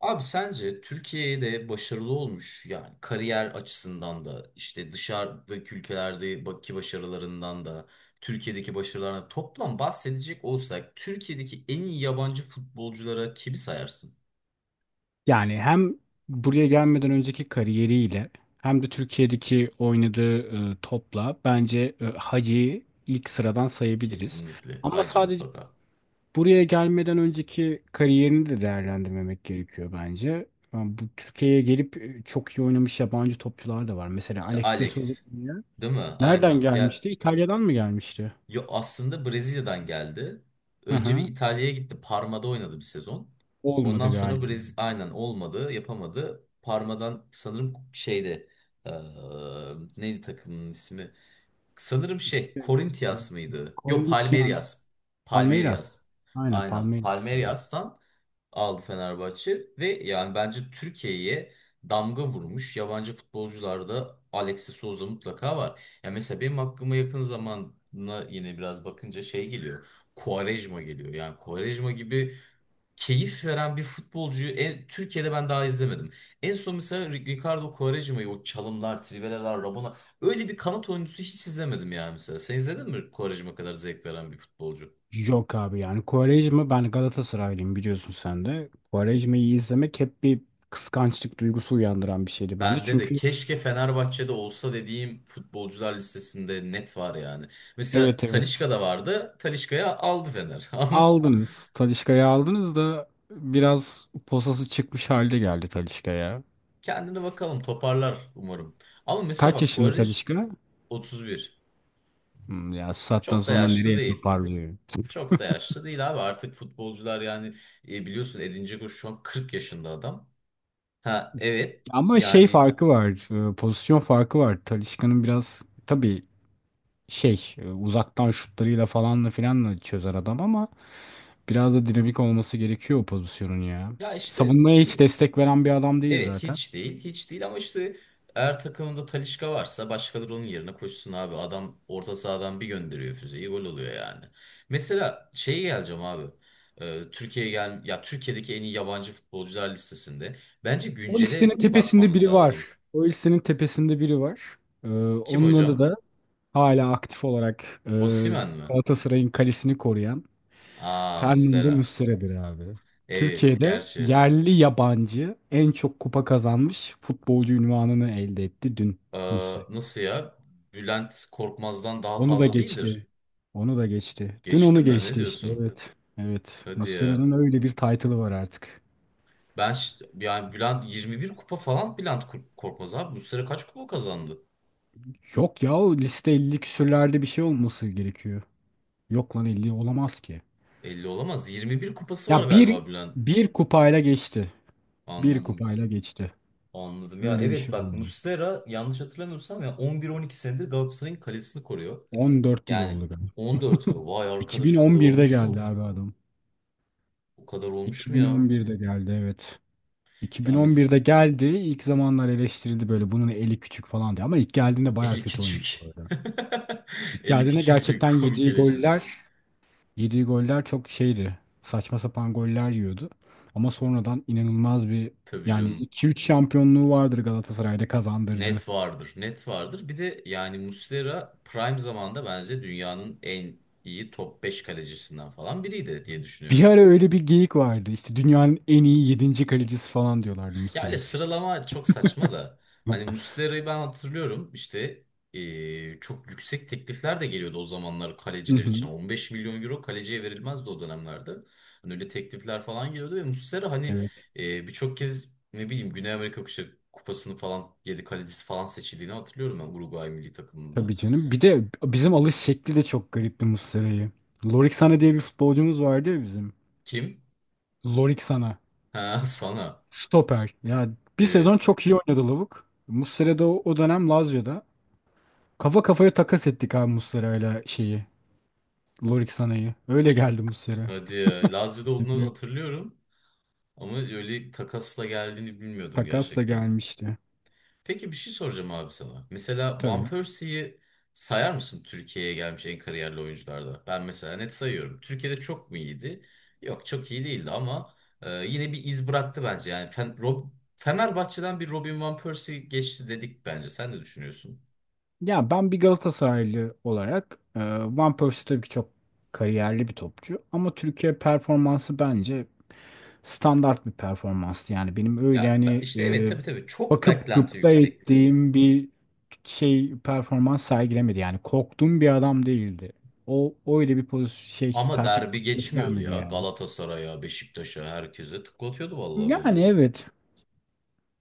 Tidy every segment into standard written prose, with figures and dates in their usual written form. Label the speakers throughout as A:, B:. A: Abi sence Türkiye'de başarılı olmuş yani kariyer açısından da işte dışarıdaki ülkelerdeki başarılarından da Türkiye'deki başarılarına toplam bahsedecek olsak Türkiye'deki en iyi yabancı futbolculara kimi sayarsın?
B: Yani hem buraya gelmeden önceki kariyeriyle hem de Türkiye'deki oynadığı topla bence Hacı'yı ilk sıradan sayabiliriz.
A: Kesinlikle.
B: Ama
A: Hacı
B: sadece
A: mutlaka.
B: buraya gelmeden önceki kariyerini de değerlendirmemek gerekiyor bence. Yani bu Türkiye'ye gelip çok iyi oynamış yabancı topçular da var. Mesela
A: Mesela
B: Alex de Souza
A: Alex. Değil mi?
B: nereden
A: Aynen. Ya.
B: gelmişti? İtalya'dan mı gelmişti?
A: Yo, aslında Brezilya'dan geldi.
B: Hı
A: Önce bir
B: hı.
A: İtalya'ya gitti. Parma'da oynadı bir sezon.
B: Olmadı
A: Ondan sonra
B: galiba.
A: Aynen olmadı, yapamadı. Parma'dan sanırım şeyde eee, neydi takımın ismi? Sanırım şey
B: Şey,
A: Corinthians mıydı? Yok
B: Corinthians,
A: Palmeiras.
B: Palmeiras.
A: Palmeiras.
B: Aynen
A: Aynen.
B: Palmeiras.
A: Palmeiras'tan aldı Fenerbahçe ve yani bence Türkiye'ye damga vurmuş yabancı futbolcularda Alexis Souza mutlaka var. Ya mesela benim aklıma yakın zamana yine biraz bakınca şey geliyor. Quaresma geliyor. Yani Quaresma gibi keyif veren bir futbolcuyu Türkiye'de ben daha izlemedim. En son mesela Ricardo Quaresma'yı o çalımlar, triveler, Rabona öyle bir kanat oyuncusu hiç izlemedim yani mesela. Sen izledin mi Quaresma kadar zevk veren bir futbolcu?
B: Yok abi, yani Quaresma, ben Galatasaraylıyım, biliyorsun sen de. Quaresma'yı izlemek hep bir kıskançlık duygusu uyandıran bir şeydi bende.
A: Bende de
B: Çünkü
A: keşke Fenerbahçe'de olsa dediğim futbolcular listesinde net var yani. Mesela
B: evet, evet,
A: Talisca da vardı. Talisca'yı aldı Fener. Ama
B: aldınız Talisca'yı, aldınız da biraz posası çıkmış halde geldi Talisca'ya.
A: kendine bakalım toparlar umarım. Ama mesela
B: Kaç
A: bak
B: yaşında
A: Quaresma.
B: Talisca?
A: 31.
B: Hmm, ya sattan
A: Çok da
B: sonra
A: yaşlı
B: nereye
A: değil.
B: toparlıyor?
A: Çok da yaşlı değil abi. Artık futbolcular yani biliyorsun Edin Dzeko şu an 40 yaşında adam. Ha, evet
B: Ama şey
A: yani
B: farkı var, pozisyon farkı var. Talisca'nın biraz tabii şey uzaktan şutlarıyla falanla filanla çözer adam ama biraz da dinamik olması gerekiyor o pozisyonun ya.
A: ya işte
B: Savunmaya hiç destek veren bir adam değil
A: evet
B: zaten.
A: hiç değil. Hiç değil ama işte eğer takımında Talisca varsa başkaları onun yerine koşsun abi. Adam orta sahadan bir gönderiyor füzeyi gol oluyor yani. Mesela şeye geleceğim abi. Türkiye'ye gel ya Türkiye'deki en iyi yabancı futbolcular listesinde bence
B: O listenin
A: güncele
B: tepesinde
A: bakmamız
B: biri var.
A: lazım.
B: O listenin tepesinde biri var. Ee,
A: Kim
B: onun adı
A: hocam?
B: da hala aktif olarak
A: Osimhen mi?
B: Galatasaray'ın kalesini koruyan
A: Aa,
B: Fernando
A: Muslera.
B: Muslera'dır abi.
A: Evet
B: Türkiye'de
A: gerçi.
B: yerli yabancı en çok kupa kazanmış futbolcu unvanını elde etti dün
A: Ee,
B: Muslera.
A: nasıl ya? Bülent Korkmaz'dan daha
B: Onu da
A: fazla
B: geçti.
A: değildir.
B: Onu da geçti. Dün
A: Geçti
B: onu
A: mi? Ne
B: geçti işte.
A: diyorsun?
B: Evet. Evet.
A: Hadi ya.
B: Muslera'nın öyle bir title'ı var artık.
A: Ben yani Bülent 21 kupa falan Bülent Korkmaz abi. Bu sene kaç kupa kazandı?
B: Yok ya, o liste 50 küsürlerde bir şey olması gerekiyor. Yok lan, 50 olamaz ki.
A: 50 olamaz. 21 kupası var
B: Ya, bir
A: galiba Bülent.
B: bir kupayla geçti. Bir
A: Anladım.
B: kupayla geçti.
A: Anladım. Ya,
B: Öyle bir
A: evet
B: şey
A: bak
B: oldu.
A: Muslera yanlış hatırlamıyorsam ya 11-12 senedir Galatasaray'ın kalesini koruyor.
B: 14 yıl
A: Yani
B: oldu galiba.
A: 14 mü? Vay arkadaş o kadar
B: 2011'de
A: olmuş
B: geldi
A: mu?
B: abi adam.
A: O kadar olmuş mu ya?
B: 2011'de geldi, evet.
A: Ya
B: 2011'de geldi. İlk zamanlar eleştirildi böyle bunun eli küçük falan diye. Ama ilk geldiğinde baya
A: 50
B: kötü
A: küçük.
B: oynuyordu.
A: 50
B: Icardi'ne
A: küçük de
B: gerçekten
A: komik
B: yediği
A: eleştiri.
B: goller, yediği goller çok şeydi. Saçma sapan goller yiyordu. Ama sonradan inanılmaz bir,
A: Tabii
B: yani
A: canım.
B: 2-3 şampiyonluğu vardır Galatasaray'da kazandırdığı.
A: Net vardır. Net vardır. Bir de yani Muslera prime zamanda bence dünyanın en iyi top 5 kalecisinden falan biriydi diye
B: Bir
A: düşünüyorum.
B: ara öyle bir geyik vardı. İşte dünyanın en iyi 7. kalecisi falan diyorlardı
A: Ya
B: Muslera
A: öyle
B: için.
A: sıralama çok saçma da. Hani Muslera'yı ben hatırlıyorum işte çok yüksek teklifler de geliyordu o zamanlar
B: Hı
A: kaleciler için.
B: hı.
A: 15 milyon euro kaleciye verilmezdi o dönemlerde. Hani öyle teklifler falan geliyordu ve Muslera hani
B: Evet.
A: birçok kez ne bileyim Güney Amerika Kupası'nı falan yedi kalecisi falan seçildiğini hatırlıyorum ben Uruguay milli takımında.
B: Tabii canım. Bir de bizim alış şekli de çok garipti Muslera'yı. Lorik Sana diye bir futbolcumuz vardı ya bizim.
A: Kim?
B: Lorik Sana.
A: Ha, sana.
B: Stoper. Ya, bir sezon
A: Evet.
B: çok iyi oynadı lavuk. Muslera da o dönem Lazio'da. Kafa kafaya takas ettik abi Muslera'yla şeyi. Lorik Sanay'ı. Öyle geldi Muslera.
A: Hadi ya. Lazio'da olduğunu
B: Tekrar.
A: hatırlıyorum. Ama öyle takasla geldiğini bilmiyordum
B: Takasla
A: gerçekten.
B: gelmişti.
A: Peki bir şey soracağım abi sana. Mesela Van
B: Tabii.
A: Persie'yi sayar mısın Türkiye'ye gelmiş en kariyerli oyuncularda? Ben mesela net sayıyorum. Türkiye'de çok mu iyiydi? Yok çok iyi değildi ama yine bir iz bıraktı bence. Yani Fenerbahçe'den bir Robin Van Persie geçti dedik bence. Sen ne düşünüyorsun?
B: Ya ben bir Galatasaraylı olarak, Van Persie tabii ki çok kariyerli bir topçu. Ama Türkiye performansı bence standart bir performanstı. Yani benim öyle
A: Ya
B: hani,
A: işte evet, tabii tabii çok
B: bakıp
A: beklenti
B: gıpta
A: yüksekti.
B: ettiğim bir şey performans sergilemedi. Yani korktuğum bir adam değildi. O öyle bir pozisyon şey
A: Ama
B: performans
A: derbi geçmiyordu
B: göstermedi
A: ya.
B: yani.
A: Galatasaray'a, Beşiktaş'a, herkese tıklatıyordu vallahi
B: Yani
A: golleri.
B: evet,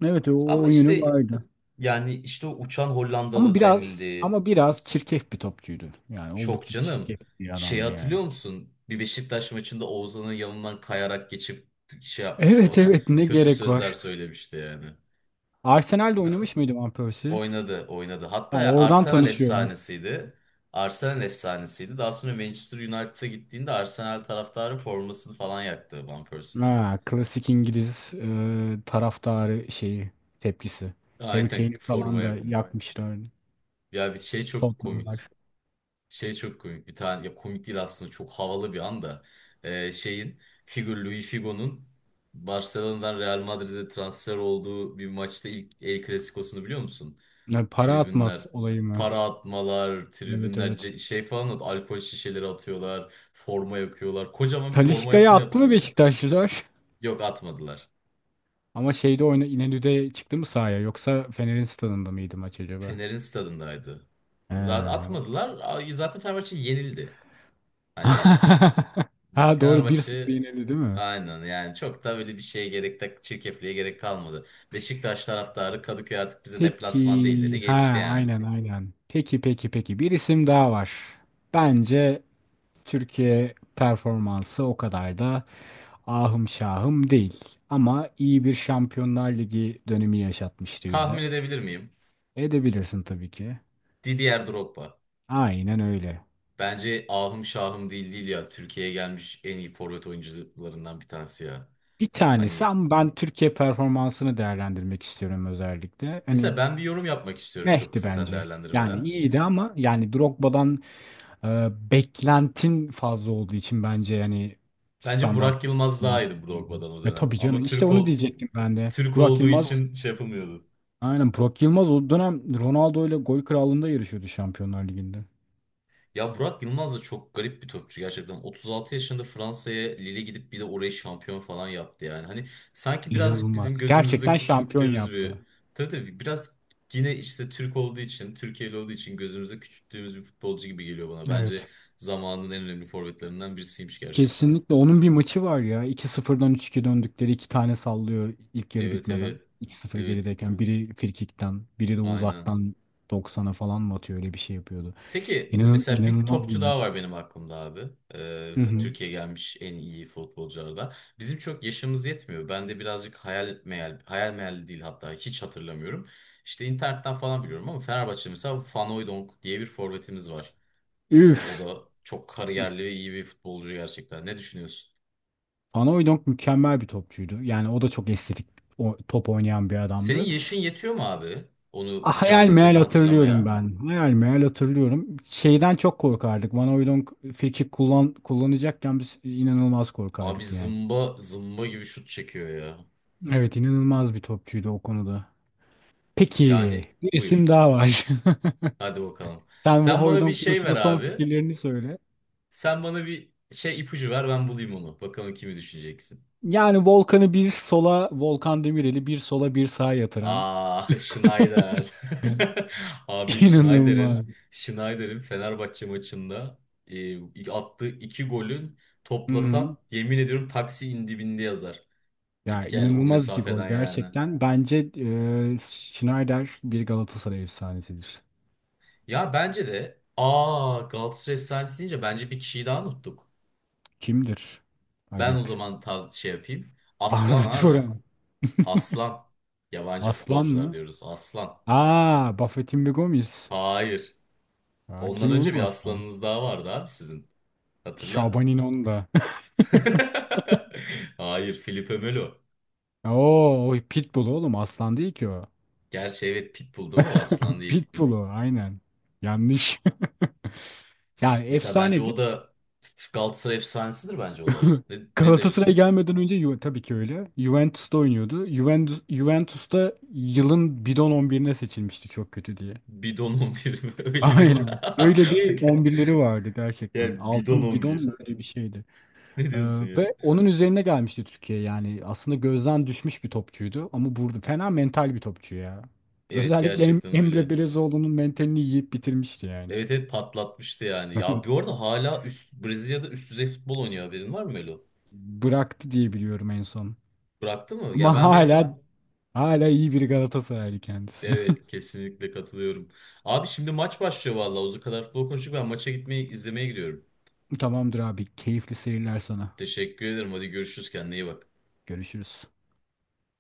B: evet, o,
A: Ama
B: o yönü
A: işte
B: vardı.
A: yani işte o uçan
B: Ama
A: Hollandalı
B: biraz
A: denildi.
B: ama biraz çirkef bir topçuydu. Yani
A: Çok
B: oldukça
A: canım.
B: çirkef bir
A: Şey
B: adamdı yani.
A: hatırlıyor musun? Bir Beşiktaş maçında Oğuzhan'ın yanından kayarak geçip şey yapmıştı
B: Evet,
A: ona.
B: evet, ne
A: Kötü
B: gerek
A: sözler
B: var.
A: söylemişti yani.
B: Arsenal'de
A: Biraz
B: oynamış mıydı Van Persie?
A: oynadı, oynadı.
B: Ha,
A: Hatta ya
B: oradan
A: Arsenal
B: tanışıyorum.
A: efsanesiydi. Arsenal efsanesiydi. Daha sonra Manchester United'a gittiğinde Arsenal taraftarı formasını falan yaktı Van Persie'nin.
B: Ha, klasik İngiliz taraftarı şeyi tepkisi. Harry
A: Aynen
B: Kane'i falan da
A: formaya.
B: yakmışlar.
A: Ya bir şey çok
B: Tottenham'lar.
A: komik. Şey çok komik. Bir tane ya komik değil aslında çok havalı bir anda. Şeyin figür Luis Figo'nun Barcelona'dan Real Madrid'e transfer olduğu bir maçta ilk El Clasico'sunu biliyor musun?
B: Ya, para atma
A: Tribünler
B: olayı mı?
A: para atmalar,
B: Evet,
A: tribünler
B: evet.
A: şey falan alkol şişeleri atıyorlar, forma yakıyorlar. Kocaman bir
B: Talisca'ya
A: formasını
B: attı mı
A: yaptırıyorlar.
B: Beşiktaşlılar?
A: Yok atmadılar.
B: Ama şeyde oyna İnönü'de çıktı mı sahaya, yoksa Fener'in stadında mıydı maç acaba?
A: Fener'in stadındaydı. Zaten
B: Ee,
A: atmadılar. Zaten Fenerbahçe yenildi. Hani
B: Ha doğru, bir 0
A: Fenerbahçe
B: yenildi değil mi?
A: aynen yani çok da böyle bir şeye gerek de çirkefliğe gerek kalmadı. Beşiktaş taraftarı Kadıköy artık bize deplasman değil dedi
B: Peki.
A: geçti
B: Ha,
A: yani.
B: aynen, aynen. Peki, peki, peki. Bir isim daha var. Bence Türkiye performansı o kadar da ahım şahım değil. Ama iyi bir Şampiyonlar Ligi dönemi yaşatmıştı bize.
A: Tahmin edebilir miyim?
B: Edebilirsin tabii ki.
A: Didier Drogba.
B: Aynen öyle.
A: Bence ahım şahım değil değil ya. Türkiye'ye gelmiş en iyi forvet oyuncularından bir tanesi ya.
B: Bir tanesi,
A: Hani
B: ama ben Türkiye performansını değerlendirmek istiyorum özellikle. Hani
A: mesela ben bir yorum yapmak istiyorum çok
B: Mehdi
A: kısa sen
B: bence. Yani
A: değerlendirmeden.
B: iyiydi ama yani Drogba'dan, beklentin fazla olduğu için bence yani
A: Bence
B: standart
A: Burak Yılmaz daha
B: olmaz.
A: iyiydi Drogba'dan o
B: Ve
A: dönem.
B: tabii canım
A: Ama
B: işte onu diyecektim ben de.
A: Türk
B: Burak
A: olduğu
B: Yılmaz,
A: için şey yapılmıyordu.
B: aynen, Burak Yılmaz o dönem Ronaldo ile gol krallığında yarışıyordu Şampiyonlar Ligi'nde.
A: Ya Burak Yılmaz da çok garip bir topçu gerçekten. 36 yaşında Fransa'ya Lille gidip bir de orayı şampiyon falan yaptı yani. Hani sanki birazcık
B: İnanılmaz.
A: bizim gözümüzde
B: Gerçekten şampiyon
A: küçülttüğümüz
B: yaptı.
A: bir... Tabii tabii biraz yine işte Türk olduğu için, Türkiye'li olduğu için gözümüzde küçülttüğümüz bir futbolcu gibi geliyor bana. Bence
B: Evet.
A: zamanın en önemli forvetlerinden birisiymiş gerçekten.
B: Kesinlikle onun bir maçı var ya. 2-0'dan 3-2 döndükleri, iki tane sallıyor ilk yarı
A: Evet
B: bitmeden.
A: evet.
B: 2-0
A: Evet.
B: gerideyken biri frikikten, biri de
A: Aynen.
B: uzaktan 90'a falan mı atıyor, öyle bir şey yapıyordu.
A: Peki
B: İnan
A: mesela bir
B: inanılmaz bir
A: topçu daha
B: maç.
A: var benim aklımda abi.
B: Hı hı.
A: Türkiye gelmiş en iyi futbolculardan. Bizim çok yaşımız yetmiyor. Ben de birazcık hayal meyal, hayal meyal değil hatta hiç hatırlamıyorum. İşte internetten falan biliyorum ama Fenerbahçe mesela Van Hooijdonk diye bir forvetimiz var bizim. O
B: Üf.
A: da çok kariyerli ve iyi bir futbolcu gerçekten. Ne düşünüyorsun?
B: Panayoidong mükemmel bir topçuydu. Yani o da çok estetik top oynayan bir
A: Senin
B: adamdı.
A: yaşın yetiyor mu abi?
B: Ah,
A: Onu
B: hayal
A: canlı
B: meyal
A: izlediğini
B: hatırlıyorum
A: hatırlamaya.
B: ben. Hayal meyal hatırlıyorum. Şeyden çok korkardık. Panayoidong frikik kullanacakken biz inanılmaz
A: Abi
B: korkardık yani.
A: zımba zımba gibi şut çekiyor ya.
B: Evet, inanılmaz bir topçuydu o konuda. Peki,
A: Yani
B: bir isim
A: buyur.
B: daha var.
A: Hadi bakalım.
B: Sen bu
A: Sen bana bir
B: Hoydon
A: şey ver
B: konusunda son
A: abi.
B: fikirlerini söyle.
A: Sen bana bir şey ipucu ver ben bulayım onu. Bakalım kimi düşüneceksin.
B: Yani Volkan'ı bir sola, Volkan Demirel'i bir sola bir sağa yatıran.
A: Aa, Schneider. Abi
B: İnanılmaz.
A: Schneider'in Fenerbahçe maçında attığı iki golün
B: Hı hı.
A: toplasan yemin ediyorum taksi dibinde yazar.
B: Ya,
A: Git gel o
B: inanılmaz iki gol
A: mesafeden yani.
B: gerçekten. Bence Schneider bir Galatasaray efsanesidir.
A: Ya bence de aa, Galatasaray efsanesi deyince bence bir kişiyi daha unuttuk.
B: Kimdir?
A: Ben o
B: Acep.
A: zaman şey yapayım. Aslan
B: Arda
A: abi.
B: Turan.
A: Aslan. Yabancı
B: Aslan
A: futbolcular
B: mı?
A: diyoruz. Aslan.
B: Aa, Buffett'in bir Gomis.
A: Hayır.
B: Ya,
A: Ondan
B: kim
A: önce
B: oğlum
A: bir
B: Aslan?
A: aslanınız daha vardı abi sizin. Hatırla.
B: Şaban İnon'da.
A: Hayır, Felipe Melo.
B: Oo, o Pitbull oğlum, Aslan değil ki o.
A: Gerçi evet Pitbull değil mi o aslan değil.
B: Pitbull'u aynen. Yanlış. Yani
A: Mesela bence o
B: efsanedir.
A: da Galatasaray efsanesidir bence o da. Ne
B: Galatasaray'a
A: diyorsun?
B: gelmeden önce tabii ki öyle. Juventus'ta oynuyordu. Juventus'ta yılın bidon 11'ine seçilmişti çok kötü diye.
A: Bidon 11 mi? Öyle bir
B: Aynen. Öyle bir 11'leri vardı gerçekten.
A: Yani bidon
B: Altın
A: on
B: bidon
A: bir.
B: mu öyle bir şeydi.
A: Ne
B: Ee,
A: diyorsun ya?
B: ve onun üzerine gelmişti Türkiye yani. Aslında gözden düşmüş bir topçuydu ama burada fena mental bir topçu ya.
A: Evet
B: Özellikle
A: gerçekten
B: Emre
A: öyle.
B: Belezoğlu'nun mentalini yiyip bitirmişti yani.
A: Evet evet patlatmıştı yani. Ya bir arada hala Brezilya'da üst düzey futbol oynuyor haberin var mı Melo?
B: Bıraktı diye biliyorum en son.
A: Bıraktı mı? Ya
B: Ama
A: ben en son
B: hala iyi bir Galatasaraylı kendisi.
A: evet kesinlikle katılıyorum. Abi şimdi maç başlıyor vallahi. O kadar futbol konuştuk. Ben maça gitmeyi izlemeye gidiyorum.
B: Tamamdır abi. Keyifli seyirler sana.
A: Teşekkür ederim. Hadi görüşürüz. Kendine iyi bak.
B: Görüşürüz.